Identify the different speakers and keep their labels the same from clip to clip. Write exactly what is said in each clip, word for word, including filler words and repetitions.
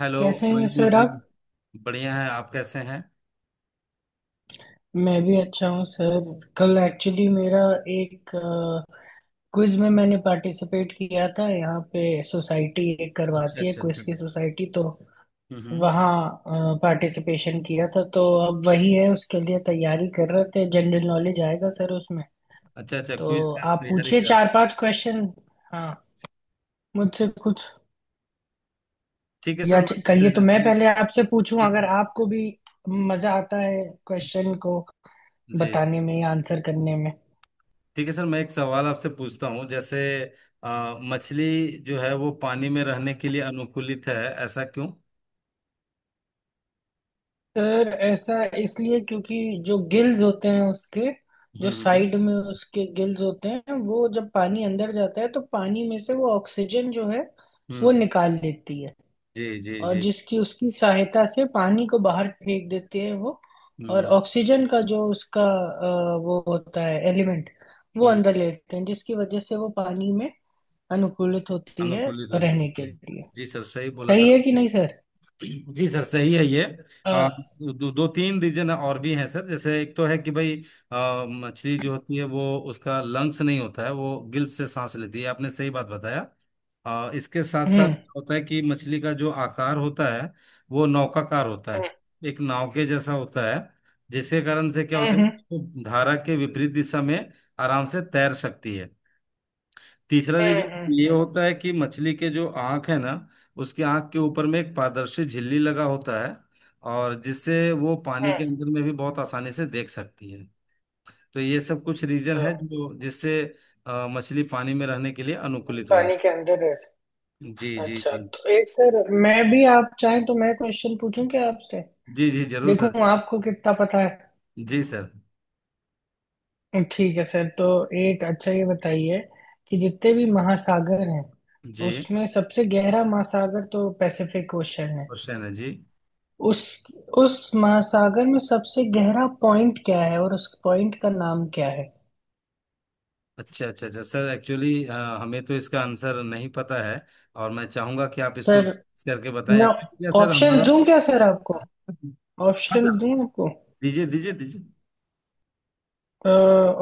Speaker 1: Hello.
Speaker 2: कैसे हैं
Speaker 1: Moinul
Speaker 2: sir
Speaker 1: जी,
Speaker 2: आप।
Speaker 1: बढ़िया है। आप कैसे हैं?
Speaker 2: मैं भी अच्छा हूँ सर। कल एक्चुअली मेरा एक क्विज में मैंने पार्टिसिपेट किया था यहाँ पे। सोसाइटी एक
Speaker 1: अच्छा,
Speaker 2: करवाती है
Speaker 1: अच्छा, अच्छा।
Speaker 2: क्विज की सोसाइटी, तो
Speaker 1: हम्म।
Speaker 2: वहाँ पार्टिसिपेशन किया था, तो अब वही है, उसके लिए तैयारी कर रहे थे। जनरल नॉलेज आएगा सर उसमें।
Speaker 1: अच्छा, अच्छा, क्विज
Speaker 2: तो
Speaker 1: का
Speaker 2: आप
Speaker 1: तैयारी
Speaker 2: पूछिए
Speaker 1: कर।
Speaker 2: चार पांच क्वेश्चन। हाँ, मुझसे कुछ
Speaker 1: ठीक है सर,
Speaker 2: या च- कहिए, तो
Speaker 1: मैं,
Speaker 2: मैं
Speaker 1: मैं
Speaker 2: पहले आपसे पूछूं अगर आपको भी मजा आता है क्वेश्चन को
Speaker 1: जी।
Speaker 2: बताने में या आंसर करने में।
Speaker 1: ठीक है सर, मैं एक सवाल आपसे पूछता हूँ। जैसे अ, मछली जो है वो पानी में रहने के लिए अनुकूलित है, ऐसा क्यों?
Speaker 2: सर ऐसा इसलिए क्योंकि जो गिल्स होते हैं उसके, जो
Speaker 1: हम्म, हम्म,
Speaker 2: साइड में उसके गिल्स होते हैं, वो जब पानी अंदर जाता है तो पानी में से वो ऑक्सीजन जो है वो
Speaker 1: हम्म,
Speaker 2: निकाल लेती है।
Speaker 1: जी, जी,
Speaker 2: और
Speaker 1: जी,
Speaker 2: जिसकी उसकी सहायता से पानी को बाहर फेंक देती है वो। और
Speaker 1: हम्म,
Speaker 2: ऑक्सीजन का जो उसका अ, वो होता है एलिमेंट, वो
Speaker 1: हम्म।
Speaker 2: अंदर लेते हैं जिसकी वजह से वो पानी में अनुकूलित होती है
Speaker 1: अनुकूलित होती है
Speaker 2: रहने के
Speaker 1: जी।
Speaker 2: लिए।
Speaker 1: जी सर, सही बोला
Speaker 2: सही
Speaker 1: सर।
Speaker 2: है कि नहीं सर?
Speaker 1: जी सर, सही है ये।
Speaker 2: अ,
Speaker 1: अ, दो, दो तीन रीजन और भी हैं सर, जैसे एक तो है कि भाई अ, मछली जो होती है वो, उसका लंग्स नहीं होता है, वो गिल्स से सांस लेती है। आपने सही बात बताया। अ, इसके साथ साथ
Speaker 2: हम्म,
Speaker 1: होता है कि मछली का जो आकार होता है वो नौकाकार होता
Speaker 2: हम्म,
Speaker 1: है। एक नाव के जैसा होता है, जिसके कारण से क्या होता है,
Speaker 2: हम्म,
Speaker 1: वो धारा के विपरीत दिशा में आराम से तैर सकती है। तीसरा
Speaker 2: हम्म, हम्म,
Speaker 1: रीजन ये
Speaker 2: हम्म,
Speaker 1: होता है कि मछली के जो आंख है ना, उसकी आंख के ऊपर में एक पारदर्शी झिल्ली लगा होता है, और जिससे वो पानी के
Speaker 2: हम्म।
Speaker 1: अंदर में भी बहुत आसानी से देख सकती है। तो ये सब कुछ रीजन है जो जिससे अ, मछली पानी में रहने के लिए अनुकूलित हो जाती
Speaker 2: पानी के अंदर है।
Speaker 1: है। जी, जी,
Speaker 2: अच्छा,
Speaker 1: जी,
Speaker 2: तो एक सर मैं भी, आप चाहें तो मैं क्वेश्चन पूछूं क्या आपसे?
Speaker 1: जी। जी जरूर सर।
Speaker 2: देखूं आपको कितना पता है।
Speaker 1: जी सर।
Speaker 2: ठीक है सर, तो एक अच्छा ये बताइए कि जितने भी महासागर हैं
Speaker 1: जी,
Speaker 2: उसमें सबसे गहरा महासागर तो पैसिफिक ओशन है।
Speaker 1: क्वेश्चन है जी।
Speaker 2: उस उस महासागर में सबसे गहरा पॉइंट क्या है और उस पॉइंट का नाम क्या है?
Speaker 1: अच्छा, अच्छा, अच्छा सर, एक्चुअली हमें तो इसका आंसर नहीं पता है। और मैं चाहूंगा कि आप इसको
Speaker 2: सर
Speaker 1: करके बताएं।
Speaker 2: मैं
Speaker 1: एक्चुअली क्या सर
Speaker 2: ऑप्शन
Speaker 1: हमारा।
Speaker 2: दूं क्या सर आपको?
Speaker 1: हाँ
Speaker 2: ऑप्शंस
Speaker 1: सर,
Speaker 2: दूं आपको।
Speaker 1: दीजिए, दीजिए, दीजिए।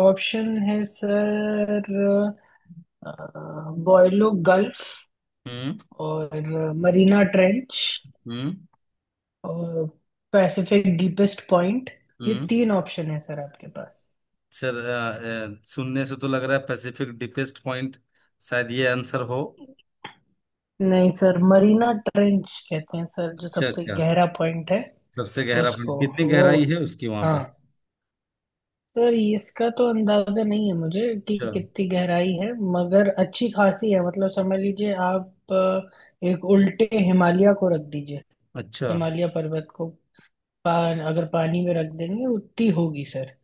Speaker 2: ऑप्शन है सर। बॉयलो गल्फ,
Speaker 1: हम्म,
Speaker 2: और मरीना ट्रेंच,
Speaker 1: हम्म,
Speaker 2: और पैसिफिक डीपेस्ट पॉइंट। ये
Speaker 1: हम्म।
Speaker 2: तीन ऑप्शन है सर आपके पास।
Speaker 1: सर, अ, अ, सुनने से तो लग रहा है पैसिफिक डीपेस्ट पॉइंट, शायद ये आंसर हो।
Speaker 2: नहीं सर, मरीना ट्रेंच कहते हैं सर जो
Speaker 1: अच्छा,
Speaker 2: सबसे
Speaker 1: अच्छा।
Speaker 2: गहरा पॉइंट है।
Speaker 1: सबसे गहरा पॉइंट
Speaker 2: उसको
Speaker 1: कितनी
Speaker 2: वो,
Speaker 1: गहराई है उसकी वहां
Speaker 2: हाँ
Speaker 1: पे?
Speaker 2: सर, इसका तो अंदाजा नहीं है मुझे कि
Speaker 1: अच्छा,
Speaker 2: कितनी गहराई है, मगर अच्छी खासी है। मतलब समझ लीजिए आप, अ, एक उल्टे हिमालय को रख दीजिए।
Speaker 1: अच्छा।
Speaker 2: हिमालय पर्वत को पान, अगर पानी में रख देंगे उतनी होगी सर।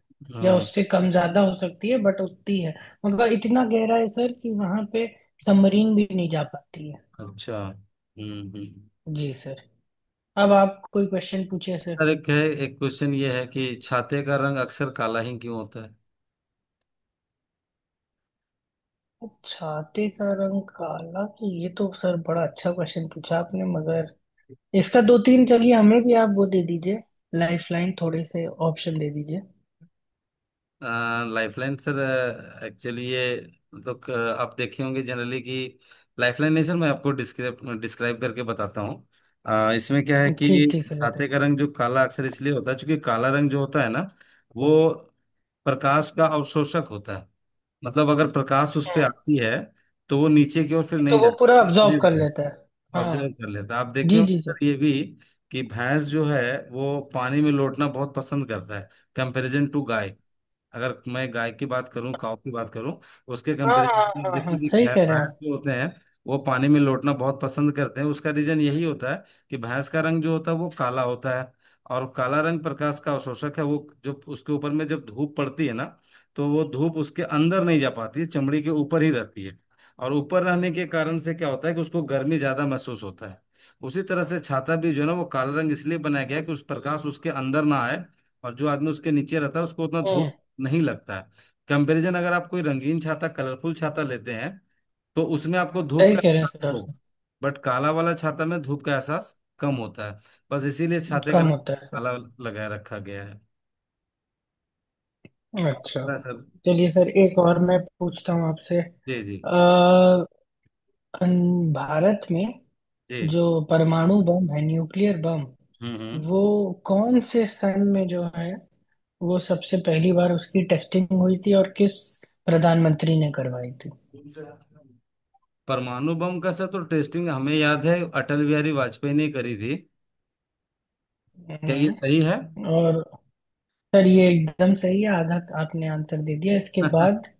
Speaker 2: या
Speaker 1: हम्म।
Speaker 2: उससे कम ज्यादा हो सकती है, बट उतनी है। मगर इतना गहरा है सर कि वहां पे सबमरीन भी नहीं जा पाती है।
Speaker 1: अच्छा। हम्म, हम्म।
Speaker 2: जी सर। अब आप कोई क्वेश्चन पूछे सर।
Speaker 1: सर एक है, एक क्वेश्चन ये है कि छाते का रंग अक्सर काला ही क्यों होता है।
Speaker 2: छाते का रंग काला, तो ये तो सर बड़ा अच्छा क्वेश्चन पूछा आपने, मगर इसका दो तीन, चलिए हमें भी आप वो दे दीजिए। लाइफ लाइन, थोड़े से ऑप्शन दे दीजिए।
Speaker 1: लाइफलाइन सर, एक्चुअली ये मतलब क- आप देखे होंगे जनरली कि, लाइफलाइन नहीं सर, मैं आपको डिस्क्राइब डिस्क्राइब करके बताता हूँ। अ, इसमें क्या है कि
Speaker 2: ठीक ठीक सर,
Speaker 1: छाते
Speaker 2: बताए।
Speaker 1: का रंग जो काला अक्सर इसलिए होता है क्योंकि काला रंग जो होता है ना, वो प्रकाश का अवशोषक होता है। मतलब अगर प्रकाश उस पे आती है तो वो नीचे की ओर फिर
Speaker 2: तो
Speaker 1: नहीं
Speaker 2: वो
Speaker 1: जाती।
Speaker 2: पूरा अब्जॉर्ब कर लेता है,
Speaker 1: ऑब्जर्व
Speaker 2: हाँ।
Speaker 1: कर लेता है। आप देखे
Speaker 2: जी
Speaker 1: होंगे
Speaker 2: जी सर।
Speaker 1: सर ये भी कि भैंस जो है वो पानी में लोटना बहुत पसंद करता है। कंपैरिजन टू गाय, अगर मैं गाय की बात करूं, काऊ की बात करूं, उसके
Speaker 2: हाँ
Speaker 1: कंपेरिजन
Speaker 2: हाँ,
Speaker 1: में
Speaker 2: हाँ हाँ,
Speaker 1: देखिए कि
Speaker 2: सही
Speaker 1: भै-
Speaker 2: कह रहे हैं
Speaker 1: भैंस
Speaker 2: आप।
Speaker 1: जो होते हैं, वो पानी में लोटना बहुत पसंद करते हैं। उसका रीजन यही होता है कि भैंस का रंग जो होता है वो काला होता है। और काला रंग प्रकाश का अवशोषक है। वो जब उसके ऊपर में जब धूप पड़ती है ना, तो वो धूप उसके अंदर नहीं जा पाती है, चमड़ी के ऊपर ही रहती है। और ऊपर रहने के कारण से क्या होता है कि उसको गर्मी ज्यादा महसूस होता है। उसी तरह से छाता भी जो है ना, वो काला रंग इसलिए बनाया गया है कि उस प्रकाश उसके अंदर ना आए। और जो आदमी उसके नीचे रहता है उसको उतना
Speaker 2: हम्म।
Speaker 1: धूप नहीं लगता। कंपैरिजन, अगर आप कोई रंगीन छाता, कलरफुल छाता लेते हैं, तो उसमें आपको धूप
Speaker 2: सही
Speaker 1: का
Speaker 2: कह रहे हैं सर
Speaker 1: एहसास हो।
Speaker 2: आप।
Speaker 1: बट काला वाला छाता में धूप का एहसास कम होता है। बस इसीलिए छाते का
Speaker 2: कम
Speaker 1: रंग
Speaker 2: होता है सर।
Speaker 1: काला लगाए रखा गया है।
Speaker 2: अच्छा।
Speaker 1: आपका सर।
Speaker 2: चलिए सर, एक और मैं पूछता हूँ आपसे।
Speaker 1: जी, जी,
Speaker 2: अ, अन- भारत में
Speaker 1: जी।
Speaker 2: जो परमाणु बम है, न्यूक्लियर बम,
Speaker 1: हम्म, हम्म।
Speaker 2: वो कौन से सन में जो है, वो सबसे पहली बार उसकी टेस्टिंग हुई थी, और किस प्रधानमंत्री ने करवाई थी?
Speaker 1: परमाणु बम का सर, तो टेस्टिंग हमें याद है अटल बिहारी वाजपेयी ने करी थी। क्या ये सही है?
Speaker 2: हम्म, और सर ये एकदम सही है, आधा आपने आंसर दे दिया इसके बाद।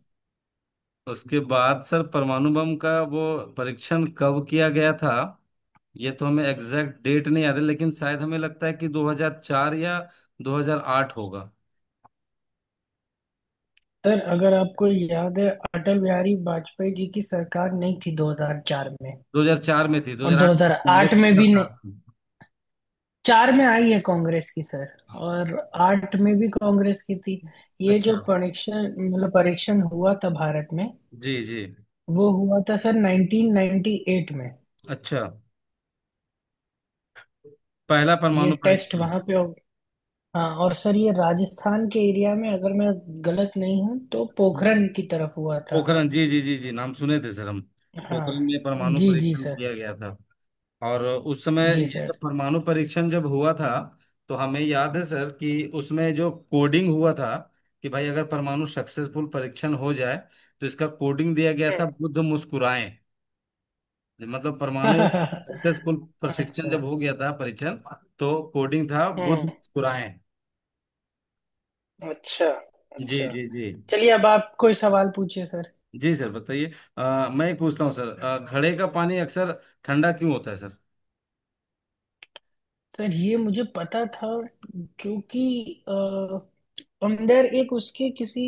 Speaker 1: उसके बाद सर, परमाणु बम का वो परीक्षण कब किया गया था? ये तो हमें एग्जैक्ट डेट नहीं याद है, लेकिन शायद हमें लगता है कि दो हज़ार चार या दो हज़ार आठ होगा।
Speaker 2: सर अगर आपको याद है, अटल बिहारी वाजपेयी जी की सरकार नहीं थी दो हज़ार चार में,
Speaker 1: दो हज़ार चार में थी,
Speaker 2: और
Speaker 1: दो हज़ार आठ में कांग्रेस
Speaker 2: दो हज़ार आठ
Speaker 1: की
Speaker 2: में भी नहीं।
Speaker 1: सरकार थी।
Speaker 2: चार में आई है कांग्रेस की सर, और आठ में भी कांग्रेस की थी। ये जो
Speaker 1: अच्छा।
Speaker 2: परीक्षण, मतलब परीक्षण हुआ था भारत में,
Speaker 1: जी, जी।
Speaker 2: वो हुआ था सर नाइन्टीन नाइन्टी एट में।
Speaker 1: अच्छा, पहला
Speaker 2: ये
Speaker 1: परमाणु
Speaker 2: टेस्ट
Speaker 1: परीक्षण।
Speaker 2: वहां पे हो, हाँ, और सर ये राजस्थान के एरिया में, अगर मैं गलत नहीं हूँ, तो पोखरण की तरफ हुआ था।
Speaker 1: पोखरण, जी, जी, जी, जी, नाम सुने थे सर हम।
Speaker 2: हाँ
Speaker 1: पोखरण में परमाणु
Speaker 2: जी जी
Speaker 1: परीक्षण
Speaker 2: सर।
Speaker 1: किया गया था। और उस समय
Speaker 2: जी
Speaker 1: ये जब
Speaker 2: सर।
Speaker 1: परमाणु परीक्षण जब हुआ था, तो हमें याद है सर कि उसमें जो कोडिंग हुआ था कि भाई, अगर परमाणु सक्सेसफुल परीक्षण हो जाए तो इसका कोडिंग दिया गया था, बुद्ध मुस्कुराए। मतलब परमाणु सक्सेसफुल प्रशिक्षण जब
Speaker 2: अच्छा।
Speaker 1: हो गया था, परीक्षण, तो कोडिंग था बुद्ध
Speaker 2: हम्म।
Speaker 1: मुस्कुराए।
Speaker 2: अच्छा।
Speaker 1: जी,
Speaker 2: अच्छा।
Speaker 1: जी, जी।
Speaker 2: चलिए अब आप कोई सवाल पूछिए सर।
Speaker 1: जी सर, बताइए। अ, मैं पूछता हूँ सर, अ, घड़े का पानी अक्सर ठंडा क्यों होता है सर?
Speaker 2: सर ये मुझे पता था क्योंकि अ, अंदर एक उसके किसी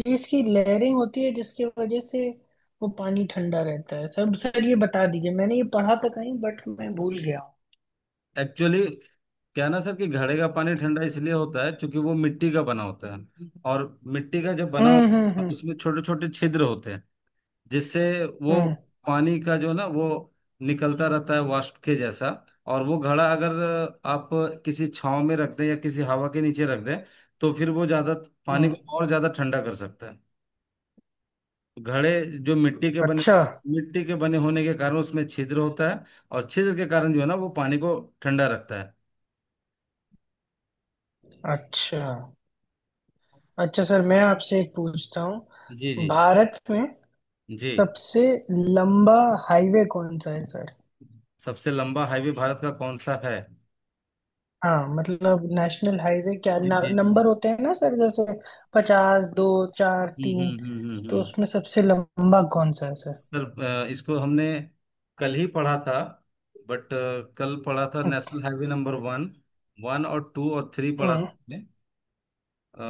Speaker 2: चीज की लेयरिंग होती है जिसकी वजह से वो पानी ठंडा रहता है। सब सर ये बता दीजिए, मैंने ये पढ़ा था कहीं, बट मैं भूल गया हूँ।
Speaker 1: एक्चुअली क्या ना सर कि घड़े का पानी ठंडा इसलिए होता है क्योंकि वो मिट्टी का बना होता है, और मिट्टी का जब बना
Speaker 2: हम्म, हम्म,
Speaker 1: होता
Speaker 2: हम्म,
Speaker 1: है उसमें छोटे छोटे छिद्र होते हैं, जिससे वो
Speaker 2: हम्म,
Speaker 1: पानी का जो ना वो निकलता रहता है वाष्प के जैसा। और वो घड़ा अगर आप किसी छांव में रख दें या किसी हवा के नीचे रख दें, तो फिर वो ज्यादा पानी
Speaker 2: हम्म।
Speaker 1: को और ज्यादा ठंडा कर सकता है। घड़े जो मिट्टी के बने,
Speaker 2: अच्छा
Speaker 1: मिट्टी के बने होने के कारण उसमें छिद्र होता है। और छिद्र के कारण जो है ना, वो पानी को ठंडा रखता है।
Speaker 2: अच्छा। अच्छा सर, मैं आपसे एक पूछता
Speaker 1: जी,
Speaker 2: हूँ,
Speaker 1: जी,
Speaker 2: भारत में
Speaker 1: जी।
Speaker 2: सबसे लंबा हाईवे कौन सा है सर?
Speaker 1: सबसे लंबा हाईवे भारत का कौन सा है?
Speaker 2: हाँ, मतलब नेशनल हाईवे क्या
Speaker 1: जी,
Speaker 2: न,
Speaker 1: जी, जी।
Speaker 2: नंबर होते हैं ना सर, जैसे पचास दो, चार
Speaker 1: हम्म,
Speaker 2: तीन।
Speaker 1: हम्म, हम्म, हम्म,
Speaker 2: तो
Speaker 1: हम्म।
Speaker 2: उसमें सबसे लंबा कौन सा है सर?
Speaker 1: सर, अ, इसको हमने कल ही पढ़ा था। बट कल पढ़ा था national highway number one, one और टू और थ्री पढ़ा था
Speaker 2: हम्म।
Speaker 1: हमने। अ,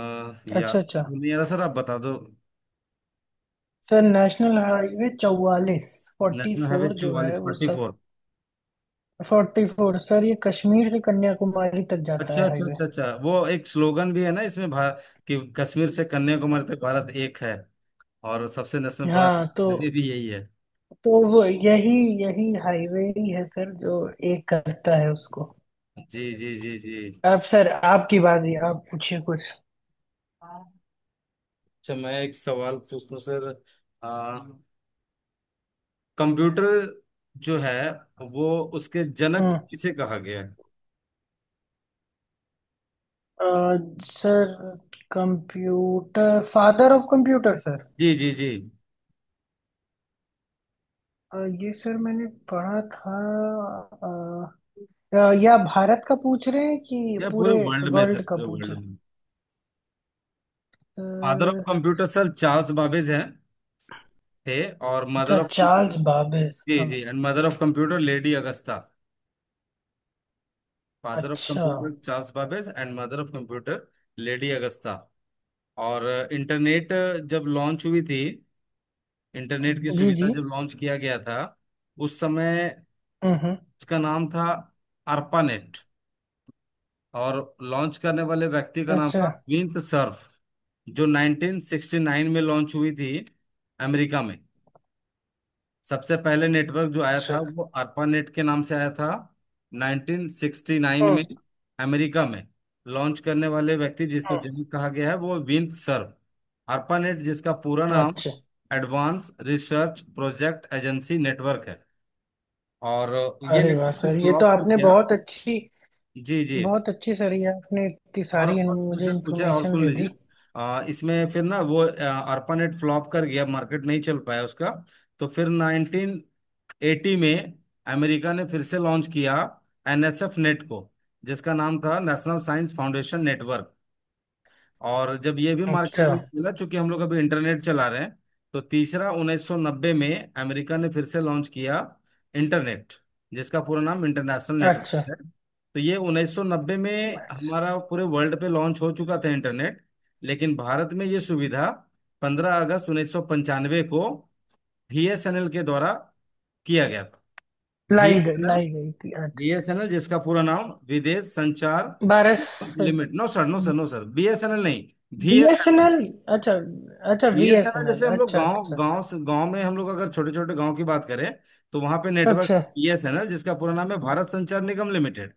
Speaker 1: या
Speaker 2: अच्छा अच्छा।
Speaker 1: तो नहीं आ रहा सर, आप बता दो।
Speaker 2: सर नेशनल हाईवे चौवालीस, फोर्टी
Speaker 1: नेशनल हाईवे
Speaker 2: फोर जो है
Speaker 1: चौवालीस,
Speaker 2: वो
Speaker 1: फोर्टी
Speaker 2: सब।
Speaker 1: फोर।
Speaker 2: फोर्टी फोर सर, ये कश्मीर से कन्याकुमारी तक जाता
Speaker 1: अच्छा,
Speaker 2: है
Speaker 1: अच्छा,
Speaker 2: हाईवे।
Speaker 1: अच्छा, अच्छा। वो एक स्लोगन भी है ना इसमें, भारत, कि कश्मीर से कन्याकुमारी तक भारत एक है। और सबसे नेशनल बड़ा
Speaker 2: हाँ, तो
Speaker 1: हाईवे भी यही है।
Speaker 2: तो वो यही यही हाईवे ही है सर जो एक करता है उसको।
Speaker 1: जी, जी, जी,
Speaker 2: अब सर आपकी बारी, आप पूछिए कुछ।
Speaker 1: जी। अच्छा, मैं एक सवाल पूछता हूँ सर। आ, कंप्यूटर जो है वो, उसके जनक
Speaker 2: हम्म।
Speaker 1: किसे कहा गया है?
Speaker 2: अ, sir computer, father of computer sir.
Speaker 1: जी, जी, जी।
Speaker 2: अ, ये सर मैंने पढ़ा था। अ, अ, या भारत का पूछ रहे हैं कि
Speaker 1: या पूरे
Speaker 2: पूरे
Speaker 1: वर्ल्ड में सर,
Speaker 2: वर्ल्ड का
Speaker 1: पूरे
Speaker 2: पूछ
Speaker 1: वर्ल्ड
Speaker 2: रहे
Speaker 1: में। फादर ऑफ
Speaker 2: हैं? अ,
Speaker 1: कंप्यूटर सर चार्ल्स बाबेज हैं थे, और मदर
Speaker 2: अच्छा,
Speaker 1: ऑफ।
Speaker 2: चार्ल्स बाबेज,
Speaker 1: जी,
Speaker 2: हाँ।
Speaker 1: जी, and mother of computer lady Augusta. Father of
Speaker 2: अच्छा।
Speaker 1: Computer Charles Babbage, and mother of computer lady Augusta. और इंटरनेट जब लॉन्च हुई थी, इंटरनेट की
Speaker 2: जी
Speaker 1: सुविधा
Speaker 2: जी।
Speaker 1: जब लॉन्च किया गया था उस समय,
Speaker 2: हम्म, हम्म,
Speaker 1: उसका नाम था अर्पानेट। और लॉन्च करने वाले व्यक्ति का नाम
Speaker 2: अच्छा
Speaker 1: था विंत सर्फ, जो नाइनटीन सिक्सटी नाइन में लॉन्च हुई थी अमेरिका में। सबसे पहले नेटवर्क जो आया
Speaker 2: अच्छा।
Speaker 1: था वो अर्पानेट के नाम से आया था, नाइनटीन सिक्सटी नाइन में,
Speaker 2: हम्म,
Speaker 1: अमेरिका में। लॉन्च करने वाले व्यक्ति जिसको
Speaker 2: हम्म,
Speaker 1: जनक कहा गया है वो विंत सर्फ। अर्पानेट जिसका पूरा नाम
Speaker 2: अच्छा।
Speaker 1: Advance research project agency network है। और ये
Speaker 2: अरे वाह
Speaker 1: नेटवर्क से
Speaker 2: सर, ये तो
Speaker 1: फ्लॉप कर
Speaker 2: आपने
Speaker 1: गया।
Speaker 2: बहुत अच्छी,
Speaker 1: जी, जी।
Speaker 2: बहुत अच्छी सर, ये आपने इतनी
Speaker 1: और
Speaker 2: सारी इन-
Speaker 1: और
Speaker 2: मुझे
Speaker 1: समस्या पूछे और
Speaker 2: इन्फॉर्मेशन
Speaker 1: सुन
Speaker 2: दे
Speaker 1: लीजिए।
Speaker 2: दी।
Speaker 1: आ, इसमें फिर ना वो अर्पानेट फ्लॉप कर गया, मार्केट नहीं चल पाया उसका। तो फिर नाइनटीन एटी में अमेरिका ने फिर से लॉन्च किया एनएसएफ नेट को, जिसका नाम था नेशनल साइंस फाउंडेशन नेटवर्क। और जब ये भी मार्केट
Speaker 2: अच्छा
Speaker 1: में निकला, चूंकि हम लोग अभी इंटरनेट चला रहे हैं। तो तीसरा उन्नीस सौ नब्बे में अमेरिका ने फिर से लॉन्च किया इंटरनेट, जिसका पूरा नाम इंटरनेशनल नेटवर्क
Speaker 2: अच्छा
Speaker 1: है। तो ये उन्नीस सौ नब्बे में
Speaker 2: अच्छा।
Speaker 1: हमारा पूरे वर्ल्ड पे लॉन्च हो चुका था इंटरनेट। लेकिन भारत में ये सुविधा पंद्रह अगस्त उन्नीस सौ पंचानबे को बीएसएनएल के द्वारा किया गया था।
Speaker 2: लाई गई,
Speaker 1: बीएसएनएल,
Speaker 2: लाई गई थी, अच्छा।
Speaker 1: बीएसएनएल जिसका पूरा नाम विदेश संचार
Speaker 2: बारह।
Speaker 1: Limit, no sir, no sir, no sir, BSNL नहीं, बीएसएनएल।
Speaker 2: बीएसएनएल, अच्छा अच्छा।
Speaker 1: ये ऐसा ना
Speaker 2: बीएसएनएल,
Speaker 1: जैसे हम लोग
Speaker 2: अच्छा
Speaker 1: गांव
Speaker 2: अच्छा
Speaker 1: गांव से, गांव में, हम लोग अगर छोटे छोटे गांव की बात करें, तो वहां पे नेटवर्क
Speaker 2: अच्छा।
Speaker 1: बीएसएनएल, जिसका पूरा नाम है भारत संचार निगम लिमिटेड।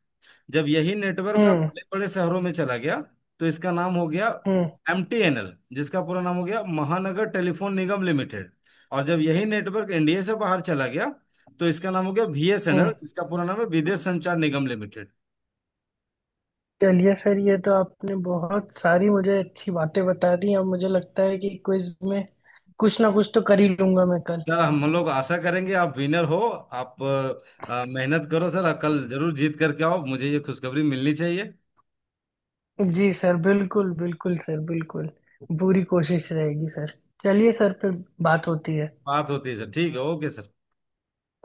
Speaker 1: जब यही नेटवर्क का
Speaker 2: हम्म,
Speaker 1: बड़े बड़े शहरों में चला गया, तो इसका नाम हो गया
Speaker 2: हम्म,
Speaker 1: एमटीएनएल, जिसका पूरा नाम हो गया महानगर टेलीफोन निगम लिमिटेड। और जब यही नेटवर्क इंडिया से बाहर चला गया, तो इसका नाम हो गया
Speaker 2: हम्म।
Speaker 1: बीएसएनएल, जिसका पूरा नाम है विदेश संचार निगम लिमिटेड।
Speaker 2: चलिए सर, ये तो आपने बहुत सारी मुझे अच्छी बातें बता दी, अब मुझे लगता है कि क्विज में कुछ ना कुछ तो कर ही लूंगा मैं कल।
Speaker 1: सर हम लोग आशा करेंगे आप विनर हो। आप अ, अ, मेहनत करो सर, कल जरूर जीत करके आओ, मुझे ये खुशखबरी मिलनी चाहिए।
Speaker 2: जी सर, बिल्कुल बिल्कुल सर, बिल्कुल, पूरी कोशिश रहेगी सर। चलिए सर, फिर बात होती है।
Speaker 1: बात होती है सर, ठीक है, ओके सर।